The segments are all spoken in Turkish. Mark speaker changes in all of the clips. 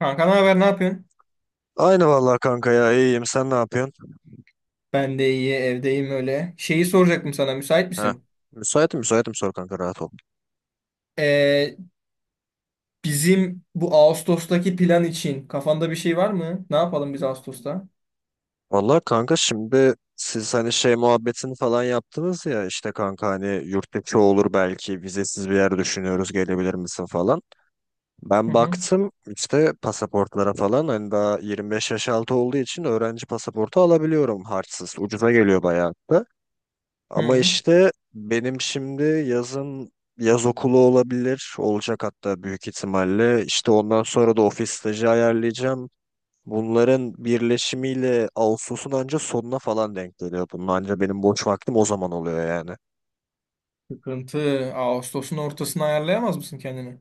Speaker 1: Kanka ne haber, ne yapıyorsun?
Speaker 2: Aynı vallahi kanka ya iyiyim sen ne yapıyorsun?
Speaker 1: Ben de iyi, evdeyim öyle. Şeyi soracaktım sana, müsait
Speaker 2: Heh.
Speaker 1: misin?
Speaker 2: Müsaitim müsaitim sor kanka rahat ol.
Speaker 1: Ee, Bizim bu Ağustos'taki plan için kafanda bir şey var mı? Ne yapalım biz Ağustos'ta?
Speaker 2: Vallahi kanka şimdi siz hani şey muhabbetini falan yaptınız ya işte kanka hani yurt dışı olur belki vizesiz bir yer düşünüyoruz gelebilir misin falan.
Speaker 1: Hı
Speaker 2: Ben
Speaker 1: hı.
Speaker 2: baktım işte pasaportlara falan hani daha 25 yaş altı olduğu için öğrenci pasaportu alabiliyorum harçsız ucuza geliyor bayağı da. Ama
Speaker 1: Hı.
Speaker 2: işte benim şimdi yazın yaz okulu olabilir. Olacak hatta büyük ihtimalle. İşte ondan sonra da ofis stajı ayarlayacağım. Bunların birleşimiyle Ağustos'un anca sonuna falan denk geliyor. Bunun anca benim boş vaktim o zaman oluyor yani.
Speaker 1: Sıkıntı. Ağustos'un ortasına ayarlayamaz mısın kendini?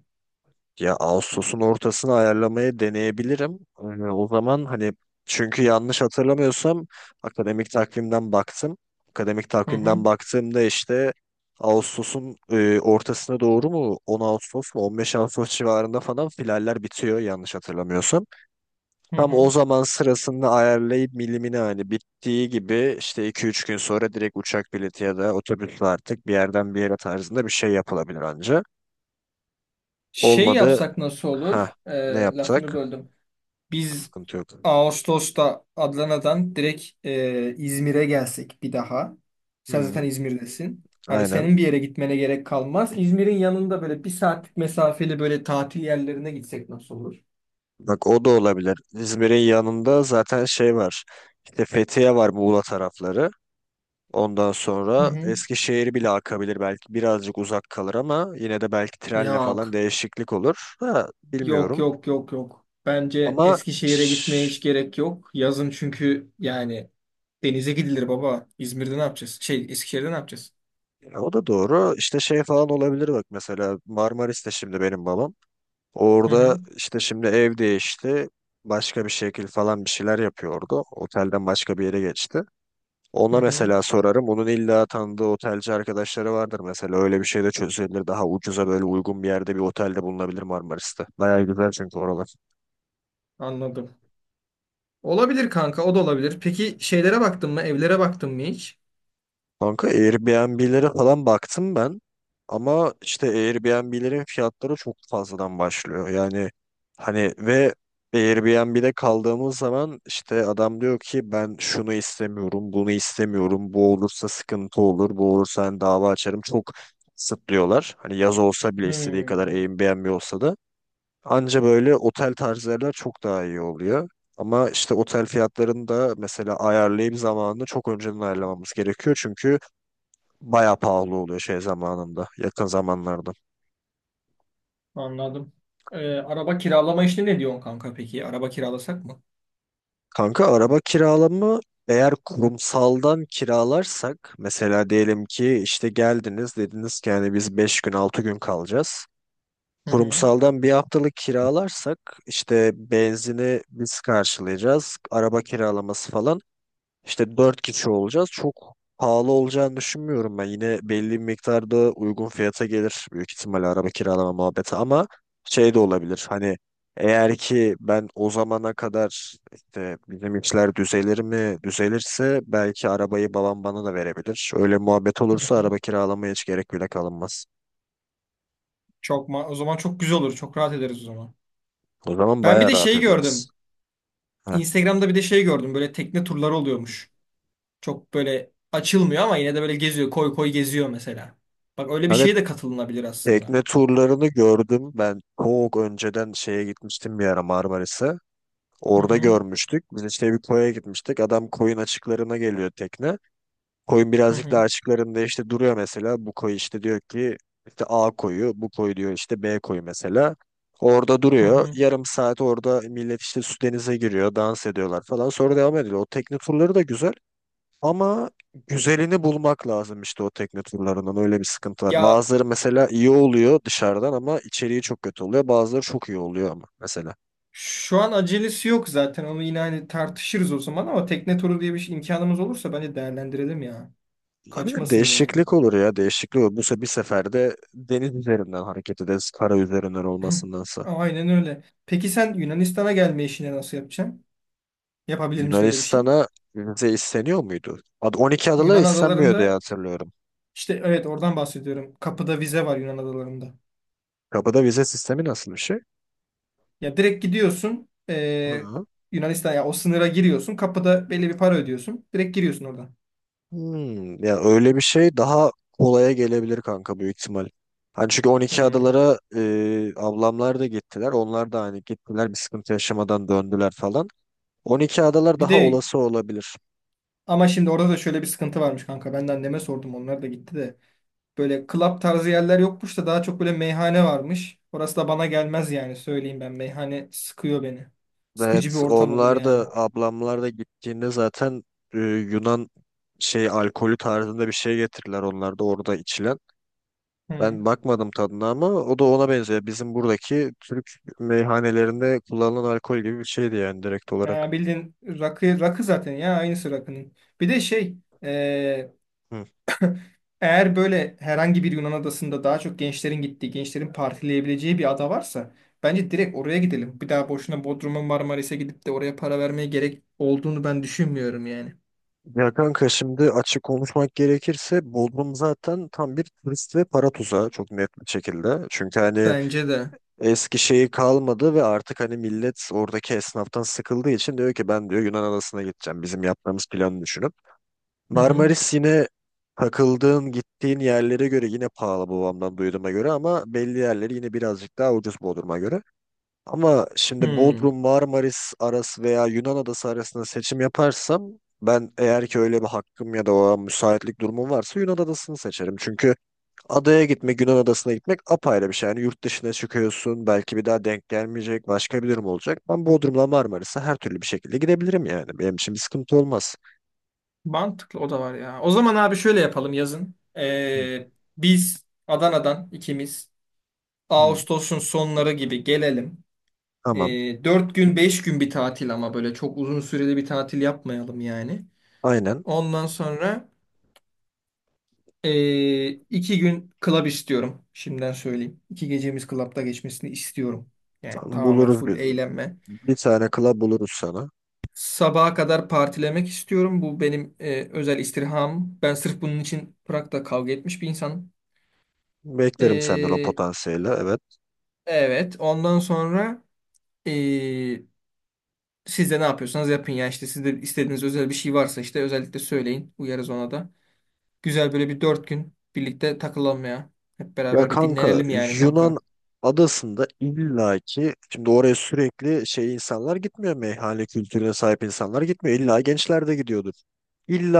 Speaker 2: Ya Ağustos'un ortasını ayarlamaya deneyebilirim. O zaman hani çünkü yanlış hatırlamıyorsam akademik takvimden baktım. Akademik
Speaker 1: Hı hı.
Speaker 2: takvimden baktığımda işte Ağustos'un ortasına doğru mu 10 Ağustos mu 15 Ağustos civarında falan finaller bitiyor yanlış hatırlamıyorsam.
Speaker 1: Hı
Speaker 2: Tam
Speaker 1: hı.
Speaker 2: o zaman sırasını ayarlayıp milimini hani bittiği gibi işte 2-3 gün sonra direkt uçak bileti ya da otobüsle artık bir yerden bir yere tarzında bir şey yapılabilir anca.
Speaker 1: Şey
Speaker 2: Olmadı
Speaker 1: yapsak nasıl olur?
Speaker 2: ha ne
Speaker 1: Lafını
Speaker 2: yapsak?
Speaker 1: böldüm. Biz
Speaker 2: Sıkıntı yok.
Speaker 1: Ağustos'ta Adana'dan direkt İzmir'e gelsek bir daha. Sen zaten
Speaker 2: Hı,
Speaker 1: İzmir'desin. Hani
Speaker 2: aynen.
Speaker 1: senin bir yere gitmene gerek kalmaz. İzmir'in yanında böyle bir saatlik mesafeli böyle tatil yerlerine gitsek nasıl olur?
Speaker 2: Bak o da olabilir. İzmir'in yanında zaten şey var. İşte Fethiye var Muğla tarafları. Ondan
Speaker 1: Hı
Speaker 2: sonra
Speaker 1: hı.
Speaker 2: Eskişehir bile akabilir belki birazcık uzak kalır ama yine de belki trenle falan
Speaker 1: Yok.
Speaker 2: değişiklik olur. Ha,
Speaker 1: Yok,
Speaker 2: bilmiyorum.
Speaker 1: yok, yok, yok. Bence
Speaker 2: Ama
Speaker 1: Eskişehir'e gitmeye
Speaker 2: şş,
Speaker 1: hiç gerek yok. Yazın çünkü yani denize gidilir baba. İzmir'de ne yapacağız? Şey Eskişehir'de ne yapacağız?
Speaker 2: ya o da doğru. İşte şey falan olabilir bak mesela Marmaris'te şimdi benim babam.
Speaker 1: Hı
Speaker 2: Orada
Speaker 1: hı.
Speaker 2: işte şimdi ev değişti. Başka bir şekil falan bir şeyler yapıyordu. Otelden başka bir yere geçti.
Speaker 1: Hı
Speaker 2: Ona
Speaker 1: hı.
Speaker 2: mesela sorarım. Onun illa tanıdığı otelci arkadaşları vardır mesela. Öyle bir şey de çözülebilir. Daha ucuza böyle uygun bir yerde bir otelde bulunabilir Marmaris'te. Bayağı güzel çünkü oralar.
Speaker 1: Anladım. Olabilir kanka, o da olabilir. Peki şeylere baktın mı? Evlere baktın mı hiç?
Speaker 2: Kanka Airbnb'lere falan baktım ben ama işte Airbnb'lerin fiyatları çok fazladan başlıyor. Yani hani ve Airbnb'de kaldığımız zaman işte adam diyor ki ben şunu istemiyorum, bunu istemiyorum, bu olursa sıkıntı olur, bu olursa hani dava açarım çok kısıtlıyorlar. Hani yaz olsa bile istediği kadar
Speaker 1: Hmm,
Speaker 2: Airbnb olsa da anca böyle otel tarzı yerler çok daha iyi oluyor. Ama işte otel fiyatlarını da mesela ayarlayıp zamanını çok önceden ayarlamamız gerekiyor. Çünkü bayağı pahalı oluyor şey zamanında, yakın zamanlarda.
Speaker 1: Anladım. Araba kiralama işini ne diyorsun kanka peki? Araba kiralasak mı?
Speaker 2: Kanka araba kiralama eğer kurumsaldan kiralarsak mesela diyelim ki işte geldiniz dediniz ki yani biz 5 gün 6 gün kalacağız.
Speaker 1: Hı hı.
Speaker 2: Kurumsaldan bir haftalık kiralarsak işte benzini biz karşılayacağız, araba kiralaması falan İşte 4 kişi olacağız. Çok pahalı olacağını düşünmüyorum ben. Yine belli bir miktarda uygun fiyata gelir büyük ihtimalle araba kiralama muhabbeti ama şey de olabilir. Hani eğer ki ben o zamana kadar işte bizim işler düzelir mi düzelirse belki arabayı babam bana da verebilir. Öyle muhabbet
Speaker 1: Hı
Speaker 2: olursa
Speaker 1: hı.
Speaker 2: araba kiralamaya hiç gerek bile kalınmaz.
Speaker 1: Çok ma o zaman çok güzel olur. Çok rahat ederiz o zaman.
Speaker 2: O zaman
Speaker 1: Ben bir
Speaker 2: bayağı
Speaker 1: de
Speaker 2: rahat
Speaker 1: şey
Speaker 2: ederiz.
Speaker 1: gördüm.
Speaker 2: Heh.
Speaker 1: Instagram'da bir de şey gördüm. Böyle tekne turları oluyormuş. Çok böyle açılmıyor ama yine de böyle geziyor. Koy koy geziyor mesela. Bak öyle bir
Speaker 2: Evet,
Speaker 1: şeye de katılınabilir aslında.
Speaker 2: tekne turlarını gördüm. Ben çok önceden şeye gitmiştim bir ara Marmaris'e.
Speaker 1: Hı
Speaker 2: Orada
Speaker 1: hı.
Speaker 2: görmüştük. Biz işte bir koya gitmiştik. Adam koyun açıklarına geliyor tekne. Koyun
Speaker 1: Hı
Speaker 2: birazcık daha
Speaker 1: hı.
Speaker 2: açıklarında işte duruyor mesela. Bu koyu işte diyor ki işte A koyu, bu koyu diyor işte B koyu mesela. Orada
Speaker 1: Hı
Speaker 2: duruyor.
Speaker 1: hı.
Speaker 2: Yarım saat orada millet işte su denize giriyor, dans ediyorlar falan. Sonra devam ediyor. O tekne turları da güzel. Ama güzelini bulmak lazım işte o tekne turlarından. Öyle bir sıkıntı var.
Speaker 1: Ya,
Speaker 2: Bazıları mesela iyi oluyor dışarıdan ama içeriği çok kötü oluyor. Bazıları çok iyi oluyor ama mesela.
Speaker 1: şu an acelesi yok zaten. Onu yine hani tartışırız o zaman ama tekne turu diye bir şey, imkanımız olursa bence değerlendirelim ya.
Speaker 2: Olabilir.
Speaker 1: Kaçmasın yani.
Speaker 2: Değişiklik olur ya. Değişiklik olur. Bu se Bir seferde deniz üzerinden hareket ederiz. Kara üzerinden olmasındansa.
Speaker 1: Aynen öyle. Peki sen Yunanistan'a gelme işini nasıl yapacaksın? Yapabilir misin öyle bir şey?
Speaker 2: Yunanistan'a vize isteniyor muydu? 12 adalara
Speaker 1: Yunan
Speaker 2: istenmiyor diye
Speaker 1: adalarında
Speaker 2: hatırlıyorum.
Speaker 1: işte evet oradan bahsediyorum. Kapıda vize var Yunan adalarında.
Speaker 2: Kapıda vize sistemi nasıl bir şey?
Speaker 1: Ya direkt gidiyorsun
Speaker 2: Hı.
Speaker 1: Yunanistan ya o sınıra giriyorsun. Kapıda belli bir para ödüyorsun. Direkt giriyorsun oradan.
Speaker 2: Hmm, ya öyle bir şey daha kolaya gelebilir kanka büyük ihtimal. Hani çünkü 12
Speaker 1: Hmm.
Speaker 2: adalara ablamlar da gittiler. Onlar da hani gittiler bir sıkıntı yaşamadan döndüler falan. 12 adalar
Speaker 1: Bir
Speaker 2: daha
Speaker 1: de
Speaker 2: olası olabilir.
Speaker 1: ama şimdi orada da şöyle bir sıkıntı varmış kanka. Ben de anneme sordum. Onlar da gitti de. Böyle club tarzı yerler yokmuş da daha çok böyle meyhane varmış. Orası da bana gelmez yani söyleyeyim ben. Meyhane sıkıyor beni. Sıkıcı bir
Speaker 2: Evet,
Speaker 1: ortam olur
Speaker 2: onlar
Speaker 1: yani.
Speaker 2: da ablamlar da gittiğinde zaten Yunan şey alkolü tarzında bir şey getirirler onlar da orada içilen.
Speaker 1: Hı.
Speaker 2: Ben bakmadım tadına ama o da ona benziyor. Bizim buradaki Türk meyhanelerinde kullanılan alkol gibi bir şeydi yani direkt olarak.
Speaker 1: Ya bildiğin rakı, rakı zaten ya aynısı rakının. Bir de şey e,
Speaker 2: Hı.
Speaker 1: eğer böyle herhangi bir Yunan adasında daha çok gençlerin gittiği, gençlerin partileyebileceği bir ada varsa bence direkt oraya gidelim. Bir daha boşuna Bodrum'a Marmaris'e gidip de oraya para vermeye gerek olduğunu ben düşünmüyorum yani.
Speaker 2: Ya kanka şimdi açık konuşmak gerekirse Bodrum zaten tam bir turist ve para tuzağı çok net bir şekilde. Çünkü hani
Speaker 1: Bence de.
Speaker 2: eski şeyi kalmadı ve artık hani millet oradaki esnaftan sıkıldığı için diyor ki ben diyor Yunan adasına gideceğim bizim yaptığımız planı düşünüp.
Speaker 1: Hı hı.
Speaker 2: Marmaris yine takıldığın gittiğin yerlere göre yine pahalı babamdan duyduğuma göre ama belli yerleri yine birazcık daha ucuz Bodrum'a göre. Ama şimdi
Speaker 1: Hı.
Speaker 2: Bodrum, Marmaris arası veya Yunan adası arasında seçim yaparsam ben eğer ki öyle bir hakkım ya da o an müsaitlik durumum varsa Yunan adasını seçerim. Çünkü adaya gitmek, Yunan adasına gitmek apayrı bir şey. Yani yurt dışına çıkıyorsun, belki bir daha denk gelmeyecek, başka bir durum olacak. Ben Bodrum'la Marmaris'e her türlü bir şekilde gidebilirim yani. Benim için bir sıkıntı olmaz.
Speaker 1: Mantıklı o da var ya. O zaman abi şöyle yapalım yazın.
Speaker 2: Hı
Speaker 1: Biz Adana'dan ikimiz
Speaker 2: hı.
Speaker 1: Ağustos'un sonları gibi gelelim.
Speaker 2: Tamam,
Speaker 1: 4 gün 5 gün bir tatil ama böyle çok uzun süreli bir tatil yapmayalım yani.
Speaker 2: aynen.
Speaker 1: Ondan sonra 2 gün club istiyorum. Şimdiden söyleyeyim. 2 gecemiz club'da geçmesini istiyorum. Yani
Speaker 2: Tamam,
Speaker 1: tamamen
Speaker 2: buluruz
Speaker 1: full eğlenme.
Speaker 2: bir tane club buluruz sana.
Speaker 1: Sabaha kadar partilemek istiyorum. Bu benim özel istirham. Ben sırf bunun için Prag'da kavga etmiş bir insanım.
Speaker 2: Beklerim senden o
Speaker 1: Ee,
Speaker 2: potansiyeli, evet.
Speaker 1: evet. Ondan sonra ee, siz de ne yapıyorsanız yapın ya. İşte sizde istediğiniz özel bir şey varsa işte özellikle söyleyin. Uyarız ona da. Güzel böyle bir 4 gün birlikte takılalım ya. Hep
Speaker 2: Ya
Speaker 1: beraber bir
Speaker 2: kanka
Speaker 1: dinlenelim yani
Speaker 2: Yunan
Speaker 1: kanka.
Speaker 2: adasında illaki şimdi oraya sürekli şey insanlar gitmiyor meyhane kültürüne sahip insanlar gitmiyor. İlla gençler de gidiyordur.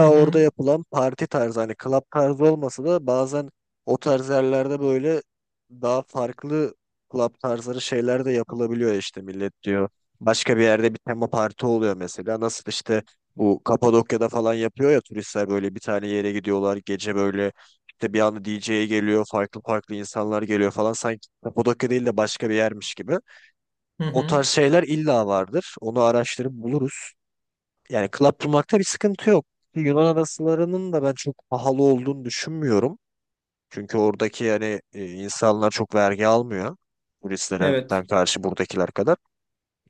Speaker 1: Hı
Speaker 2: orada
Speaker 1: hı.
Speaker 2: yapılan parti tarzı hani club tarzı olmasa da bazen o tarz yerlerde böyle daha farklı club tarzları şeyler de yapılabiliyor işte millet diyor. Başka bir yerde bir tema parti oluyor mesela. Nasıl işte bu Kapadokya'da falan yapıyor ya turistler böyle bir tane yere gidiyorlar gece böyle işte bir anda DJ'ye geliyor, farklı farklı insanlar geliyor falan. Sanki Kapadokya değil de başka bir yermiş gibi.
Speaker 1: Hı
Speaker 2: O
Speaker 1: hı.
Speaker 2: tarz şeyler illa vardır. Onu araştırıp buluruz. Yani club bulmakta bir sıkıntı yok. Yunan adasılarının da ben çok pahalı olduğunu düşünmüyorum. Çünkü oradaki yani insanlar çok vergi almıyor.
Speaker 1: Evet.
Speaker 2: Turistlerden karşı buradakiler kadar.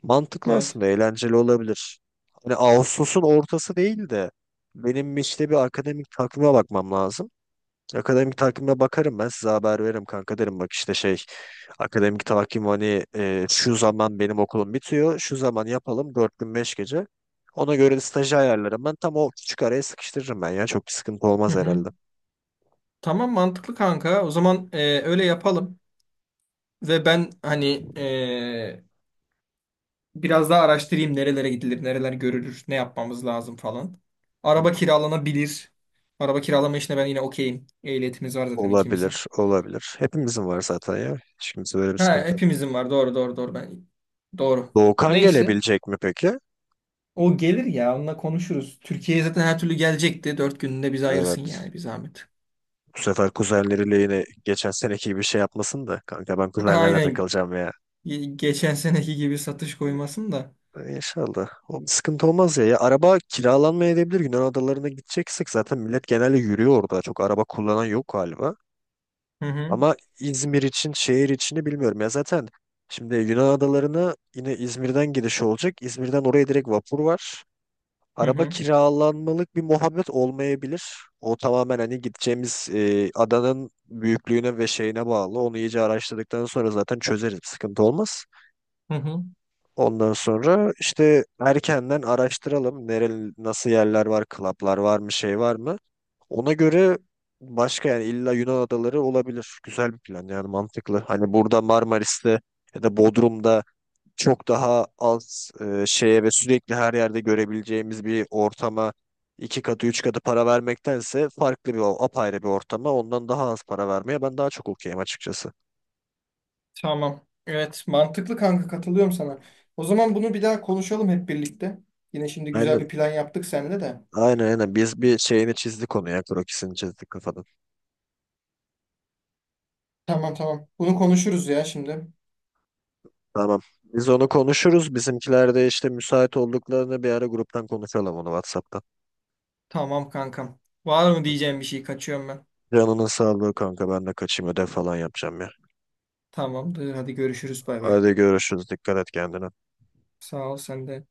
Speaker 2: Mantıklı
Speaker 1: Evet.
Speaker 2: aslında, eğlenceli olabilir. Hani Ağustos'un ortası değil de benim işte bir akademik takvime bakmam lazım. Akademik takvime bakarım ben size haber veririm kanka derim bak işte şey akademik takvim hani şu zaman benim okulum bitiyor şu zaman yapalım 4 gün 5 gece ona göre de stajı ayarlarım ben tam o küçük araya sıkıştırırım ben ya çok bir sıkıntı
Speaker 1: Hı
Speaker 2: olmaz
Speaker 1: hı.
Speaker 2: herhalde.
Speaker 1: Tamam mantıklı kanka. O zaman öyle yapalım. Ve ben hani biraz daha araştırayım nerelere gidilir, nereler görülür, ne yapmamız lazım falan.
Speaker 2: Hı.
Speaker 1: Araba kiralanabilir. Araba kiralama işine ben yine okeyim. Ehliyetimiz var zaten ikimizin.
Speaker 2: Olabilir olabilir hepimizin var zaten ya şimdi böyle bir
Speaker 1: Ha,
Speaker 2: sıkıntı yok.
Speaker 1: hepimizin var. Doğru, doğru, doğru. Ben doğru.
Speaker 2: Doğukan
Speaker 1: Neyse.
Speaker 2: gelebilecek mi peki?
Speaker 1: O gelir ya. Onunla konuşuruz. Türkiye'ye zaten her türlü gelecekti. 4 gününde bizi ayırsın
Speaker 2: Evet.
Speaker 1: yani bir zahmet.
Speaker 2: Bu sefer kuzenleriyle yine geçen seneki gibi şey yapmasın da kanka ben kuzenlerle
Speaker 1: Aynen.
Speaker 2: takılacağım ya.
Speaker 1: Geçen seneki gibi satış koymasın da.
Speaker 2: İnşallah. O sıkıntı olmaz ya. Ya araba kiralanmayabilir Yunan adalarına gideceksek zaten millet genelde yürüyor orada. Çok araba kullanan yok galiba.
Speaker 1: Hı hı.
Speaker 2: Ama İzmir için, şehir içini bilmiyorum. Ya zaten şimdi Yunan adalarına yine İzmir'den giriş olacak. İzmir'den oraya direkt vapur var.
Speaker 1: Hı
Speaker 2: Araba
Speaker 1: hı.
Speaker 2: kiralanmalık bir muhabbet olmayabilir. O tamamen hani gideceğimiz adanın büyüklüğüne ve şeyine bağlı. Onu iyice araştırdıktan sonra zaten çözeriz. Sıkıntı olmaz.
Speaker 1: Hı hı.
Speaker 2: Ondan sonra işte erkenden araştıralım. Nasıl yerler var, klaplar var mı, şey var mı? Ona göre başka yani illa Yunan adaları olabilir. Güzel bir plan yani mantıklı. Hani burada Marmaris'te ya da Bodrum'da çok daha az şeye ve sürekli her yerde görebileceğimiz bir ortama iki katı üç katı para vermektense farklı apayrı bir ortama ondan daha az para vermeye ben daha çok okeyim açıkçası.
Speaker 1: Tamam. Evet, mantıklı kanka katılıyorum sana. O zaman bunu bir daha konuşalım hep birlikte. Yine şimdi güzel
Speaker 2: Aynen.
Speaker 1: bir plan yaptık seninle de.
Speaker 2: Aynen aynen. Biz bir şeyini çizdik onu ya. Krokisini çizdik kafadan.
Speaker 1: Tamam tamam. Bunu konuşuruz ya şimdi.
Speaker 2: Tamam. Biz onu konuşuruz. Bizimkiler de işte müsait olduklarını bir ara gruptan konuşalım onu WhatsApp'tan.
Speaker 1: Tamam kankam. Var mı diyeceğim bir şey? Kaçıyorum ben.
Speaker 2: Canının sağlığı kanka ben de kaçayım ödev falan yapacağım ya.
Speaker 1: Tamamdır. Hadi görüşürüz. Bay bay.
Speaker 2: Hadi görüşürüz. Dikkat et kendine.
Speaker 1: Sağ ol sen de.